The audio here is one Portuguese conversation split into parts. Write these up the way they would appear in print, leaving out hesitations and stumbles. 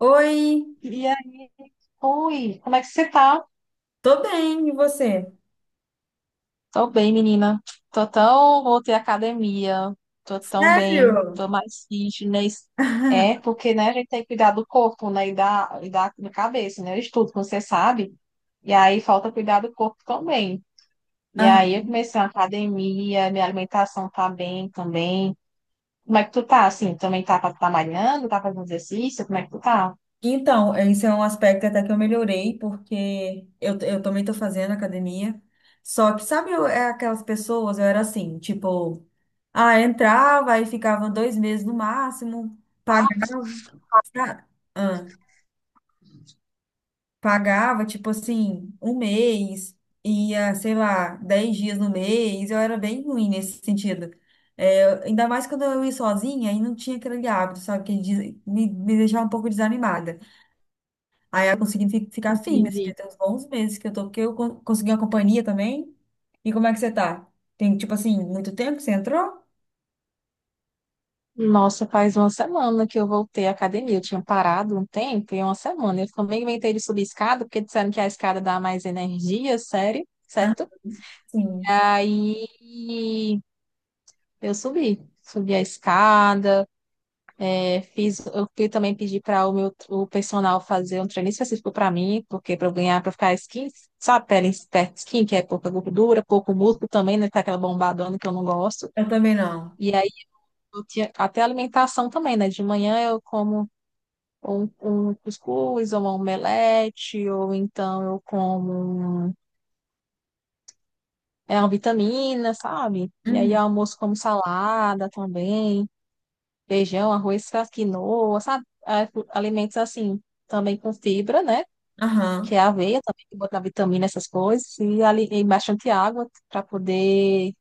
Oi, E aí, oi, como é que você tá? tô bem, e você? Tô bem, menina. Tô tão, voltei à academia. Tô tão bem, Sério? tô mais fitness. É, porque, né, a gente tem que cuidar do corpo, né, da cabeça, né? Eu estudo, como você sabe. E aí falta cuidar do corpo também. E Ah, aí eu comecei a academia, minha alimentação tá bem também. Como é que tu tá, assim? Também tá malhando? Tá fazendo exercício? Como é que tu tá? então, esse é um aspecto até que eu melhorei, porque eu também tô fazendo academia. Só que, sabe, é aquelas pessoas, eu era assim, tipo, ah, entrava e ficava 2 meses no máximo, pagava. Sabe? Ah. Pagava, tipo assim, 1 mês, ia, sei lá, 10 dias no mês, eu era bem ruim nesse sentido. É, ainda mais quando eu ia sozinha e não tinha aquele hábito, sabe, que me deixava um pouco desanimada. Aí eu consegui ficar firme, assim, Entendi. até uns bons meses que eu tô, porque eu consegui uma companhia também. E como é que você tá? Tem, tipo assim, muito tempo que você entrou? Nossa, faz uma semana que eu voltei à academia. Eu tinha parado um tempo e uma semana. Eu também inventei de subir escada, porque disseram que a escada dá mais energia, sério, certo? Sim. Aí eu subi. Subi a escada, é, fiz, eu fui também pedir para o personal fazer um treino específico para mim, porque para eu ganhar, para ficar skin, sabe, pele esperta skin, que é pouca gordura, pouco músculo também, né? Tá aquela bombadona que eu não gosto. Eu também não. E aí eu tinha até alimentação também, né? De manhã eu como um cuscuz, ou uma omelete, ou então eu como é uma vitamina, sabe? E aí Uhum. almoço como salada também, feijão, arroz, faz quinoa, sabe? Ah, alimentos assim, também com fibra, né? Que é Aham. aveia também, que botar vitamina, essas coisas, e, ali, e bastante água para poder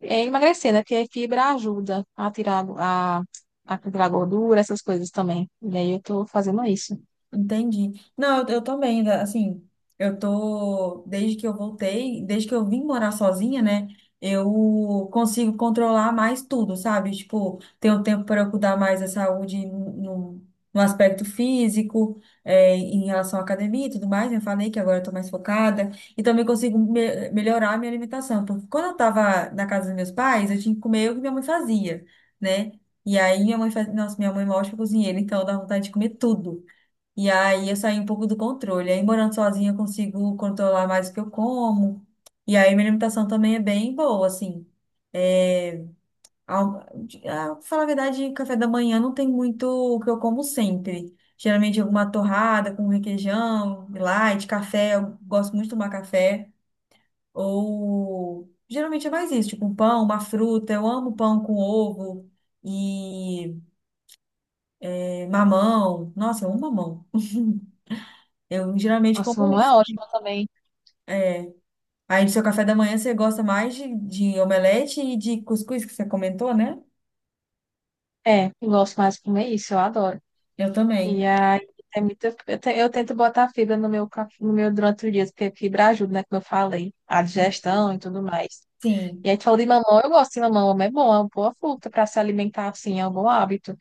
emagrecer, né? Porque a fibra ajuda a tirar a tirar gordura, essas coisas também. E aí eu tô fazendo isso. Entendi. Não, eu também, assim, eu tô, desde que eu voltei, desde que eu vim morar sozinha, né, eu consigo controlar mais tudo, sabe? Tipo, tenho tempo para eu cuidar mais da saúde no aspecto físico, é, em relação à academia e tudo mais, né? Eu falei que agora eu tô mais focada, e também consigo melhorar a minha alimentação, porque quando eu tava na casa dos meus pais, eu tinha que comer o que minha mãe fazia, né? E aí minha mãe fazia, nossa, minha mãe é uma ótima cozinheira, então dá vontade de comer tudo. E aí eu saí um pouco do controle. Aí morando sozinha eu consigo controlar mais o que eu como. E aí minha alimentação também é bem boa, assim. É, ah, pra falar a verdade, café da manhã não tem muito o que eu como sempre. Geralmente alguma torrada com requeijão, light, café. Eu gosto muito de tomar café. Ou geralmente é mais isso, tipo um pão, uma fruta. Eu amo pão com ovo e mamão. Nossa, eu amo mamão. Eu geralmente Nossa, como mamãe é isso. ótima também. É. Aí, do seu café da manhã, você gosta mais de omelete e de cuscuz, que você comentou, né? É, eu gosto mais de comer isso, eu adoro. Eu também. E aí é muito, eu, eu tento botar fibra no meu, no meu durante o dia, porque fibra ajuda, né? Como eu falei, a digestão e tudo mais. E Sim. aí tu falou de mamão, eu gosto de mamão, mamão é bom, é uma boa fruta para se alimentar assim, é um bom hábito.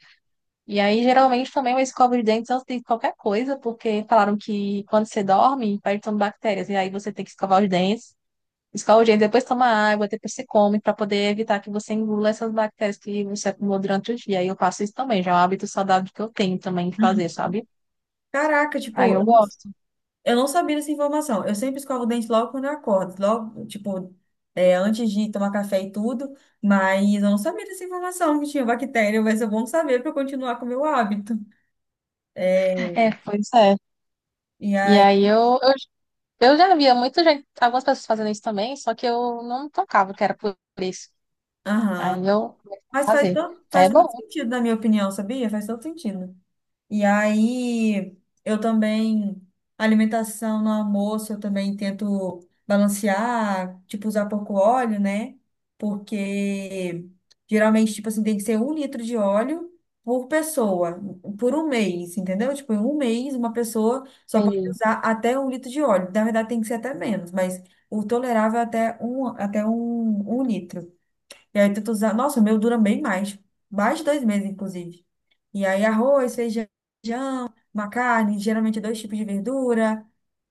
E aí, geralmente, também eu escovo os dentes antes de qualquer coisa, porque falaram que quando você dorme, vai entrando bactérias, e aí você tem que escovar os dentes. Escova o dente, depois toma água, depois você come, para poder evitar que você engula essas bactérias que você acumulou durante o dia. E eu faço isso também, já é um hábito saudável que eu tenho também de fazer, sabe? Caraca, Aí tipo, eu gosto. eu não sabia dessa informação. Eu sempre escovo o dente logo quando eu acordo, logo, tipo, é, antes de tomar café e tudo, mas eu não sabia dessa informação que tinha bactéria, mas é bom saber para continuar com o meu hábito. É, É, pois é. e E aí, aí eu já via muita gente, algumas pessoas fazendo isso também, só que eu não tocava que era por isso. aham. Aí eu comecei Mas a fazer. É faz todo bom, sentido, na minha opinião, sabia? Faz todo sentido. E aí, eu também, alimentação no almoço, eu também tento balancear, tipo, usar pouco óleo, né? Porque geralmente, tipo assim, tem que ser 1 litro de óleo por pessoa, por 1 mês, entendeu? Tipo, em 1 mês, uma pessoa só pode entendi. usar até 1 litro de óleo. Na verdade, tem que ser até menos, mas o tolerável é 1 litro. E aí, tento usar. Nossa, o meu dura bem mais, mais de 2 meses, inclusive. E aí, arroz, feijão uma carne, geralmente dois tipos de verdura,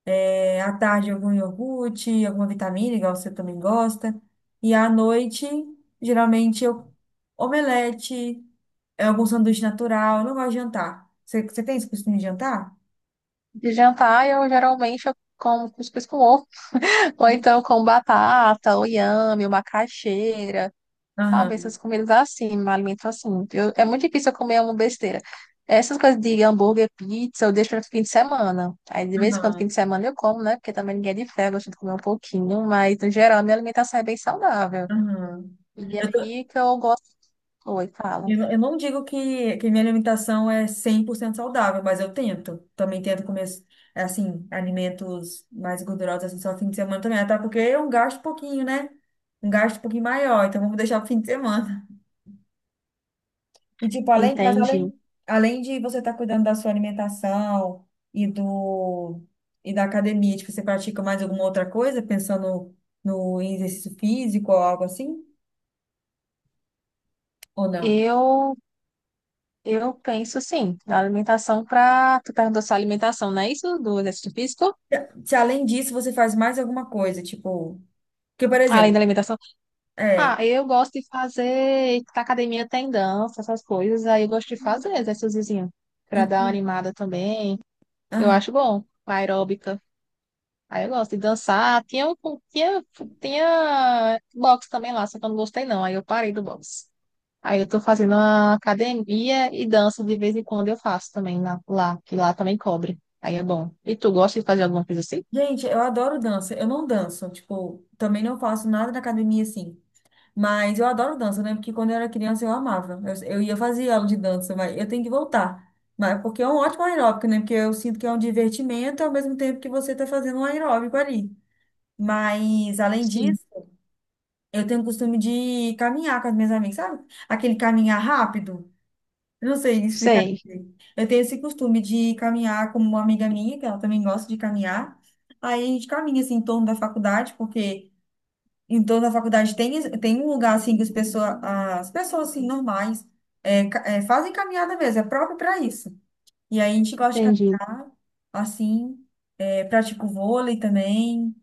é, à tarde algum iogurte, alguma vitamina, igual você também gosta, e à noite, geralmente, omelete, é, algum sanduíche natural, eu não gosto de jantar. Você tem esse costume de jantar? De jantar, eu geralmente eu como cuscuz com ovo, ou então com batata, ou inhame, ou macaxeira. Sabe, Aham, essas comidas assim, me alimento assim. Eu, é muito difícil eu comer uma besteira. Essas coisas de hambúrguer, pizza, eu deixo para fim de semana. Aí, de vez em quando, aham, fim de semana eu como, né? Porque também ninguém é de ferro, eu gosto de comer um pouquinho. Mas, no geral, minha alimentação é bem saudável. aham. E é Eu tô- aí que eu gosto. Oi, fala. eu não digo que minha alimentação é 100% saudável, mas eu tento. Também tento comer, assim, alimentos mais gordurosos, assim, só fim de semana também. Até porque eu gasto um pouquinho, né? Um gasto um pouquinho maior, então vamos deixar pro fim de semana. E, tipo, Entendi. Além de você estar cuidando da sua alimentação e do, e da academia, tipo, você pratica mais alguma outra coisa, pensando no em exercício físico ou algo assim? Ou não? Eu, eu penso, sim, na alimentação para... Tu perguntou sua alimentação, não é isso? Do exercício físico? Se além disso você faz mais alguma coisa, tipo. Porque, por Além exemplo, da alimentação. é. Ah, eu gosto de fazer, na academia tem dança, essas coisas, aí eu gosto de fazer exercíciozinho, pra dar uma Entendi. animada também. Eu Aham. acho bom, aeróbica. Aí eu gosto de dançar. Tinha, tinha boxe também lá, só que eu não gostei não, aí eu parei do boxe. Aí eu tô fazendo uma academia e dança de vez em quando eu faço também lá, que lá também cobre. Aí é bom. E tu gosta de fazer alguma coisa assim? Gente, eu adoro dança. Eu não danço, tipo, também não faço nada na academia assim. Mas eu adoro dança, né? Porque quando eu era criança eu amava. Eu ia fazer aula de dança, mas eu tenho que voltar. Mas porque é um ótimo aeróbico, né? Porque eu sinto que é um divertimento ao mesmo tempo que você está fazendo um aeróbico ali. Mas, além Sim. disso, eu tenho o costume de caminhar com as minhas amigas, sabe? Aquele caminhar rápido. Eu não sei explicar Sei, direito. Eu tenho esse costume de caminhar como uma amiga minha, que ela também gosta de caminhar. Aí a gente caminha assim em torno da faculdade, porque em torno da faculdade tem um lugar assim que as pessoas assim normais é, fazem caminhada mesmo, é próprio para isso. E aí a gente gosta de entendi. caminhar assim, é, pratico vôlei também.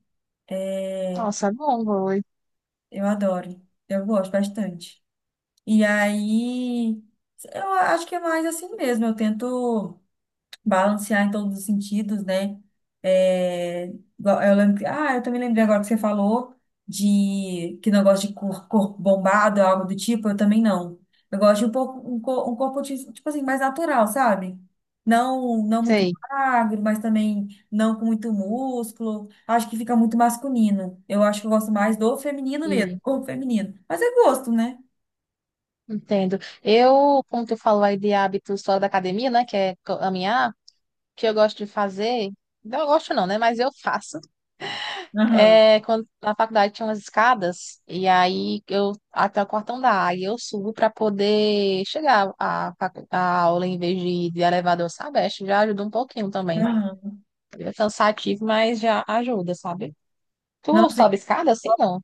é, Nossa, é bom, vou. Eu adoro. Eu gosto bastante. E aí, eu acho que é mais assim mesmo. Eu tento balancear em todos os sentidos, né? É, eu lembro, ah, eu também lembrei agora que você falou de que não gosta de corpo bombado, algo do tipo, eu também não. Eu gosto de um pouco um corpo tipo assim mais natural, sabe? Não, não muito Sei. magro, mas também não com muito músculo. Acho que fica muito masculino. Eu acho que eu gosto mais do feminino mesmo, corpo feminino. Mas é gosto, né? Entendo. Eu, como tu falou aí de hábitos fora da academia, né, que é caminhar, o que eu gosto de fazer, não eu gosto não, né, mas eu faço. Aham, É, quando na faculdade tinha umas escadas, e aí eu, até o quartão da A, e eu subo para poder chegar à, à aula em vez de ir de elevador, sabe? Acho que já ajuda um pouquinho também. aham. É cansativo, mas já ajuda, sabe? Tu Nossa, sobe escada assim, não?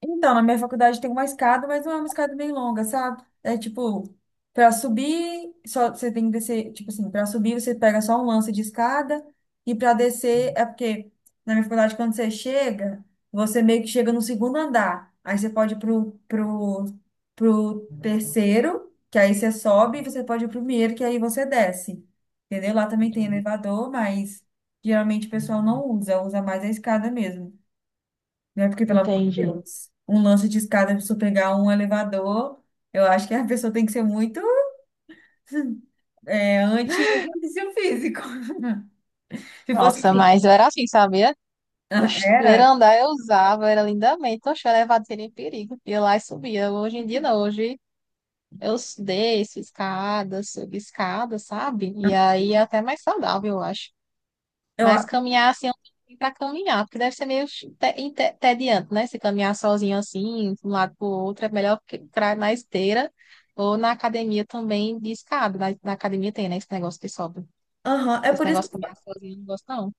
então, na minha faculdade tem uma escada, mas não é uma escada bem longa, sabe? É tipo, para subir, só você tem que descer, tipo assim, para subir você pega só um lance de escada e para descer é porque na minha faculdade quando você chega, você meio que chega no segundo andar. Aí você pode ir pro terceiro, que aí você sobe, e você pode ir pro primeiro, que aí você desce. Entendeu? Lá também tem elevador, mas geralmente o pessoal não usa, usa mais a escada mesmo, né? Porque, pelo amor de Entendi. Deus, um lance de escada, se eu pegar um elevador, eu acho que a pessoa tem que ser muito anti-exercício físico. Se fosse Nossa, assim, mas eu era assim, sabe? ah, Oxe, primeiro era. andar eu usava, era lindamente. Oxe, o elevador seria em perigo. Ia lá e subia. Hoje em dia não, hoje eu desço escada, subo escada, sabe? E aí é até mais saudável, eu acho. Eu, Mas a- caminhar assim, eu não tenho pra caminhar, porque deve ser meio entediante, né? Se caminhar sozinho assim, de um lado pro outro, é melhor que pra, na esteira ou na academia também de escada. Na academia tem, né? Esse negócio que sobe. aham. Esse negócio de caminhar sozinho, eu não gosto não.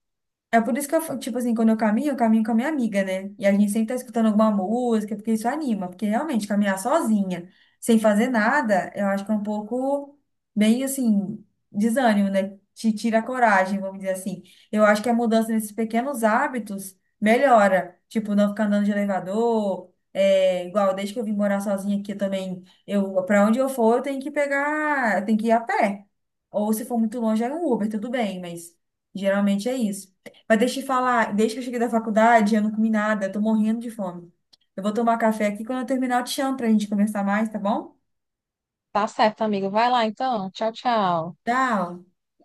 É por isso que eu, tipo assim, quando eu caminho com a minha amiga, né? E a gente sempre tá escutando alguma música, porque isso anima. Porque realmente, caminhar sozinha, sem fazer nada, eu acho que é um pouco, bem assim, desânimo, né? Te tira a coragem, vamos dizer assim. Eu acho que a mudança nesses pequenos hábitos melhora. Tipo, não ficar andando de elevador. É, igual, desde que eu vim morar sozinha aqui eu também, pra onde eu for, eu tenho que pegar, eu tenho que ir a pé. Ou se for muito longe, é um Uber, tudo bem, mas geralmente é isso. Mas deixa eu te falar, desde que eu cheguei da faculdade, eu não comi nada, eu tô morrendo de fome. Eu vou tomar café aqui, quando eu terminar eu te chamo pra gente conversar mais, tá bom? Tá certo, amigo. Vai lá então. Tchau, tchau. Tchau!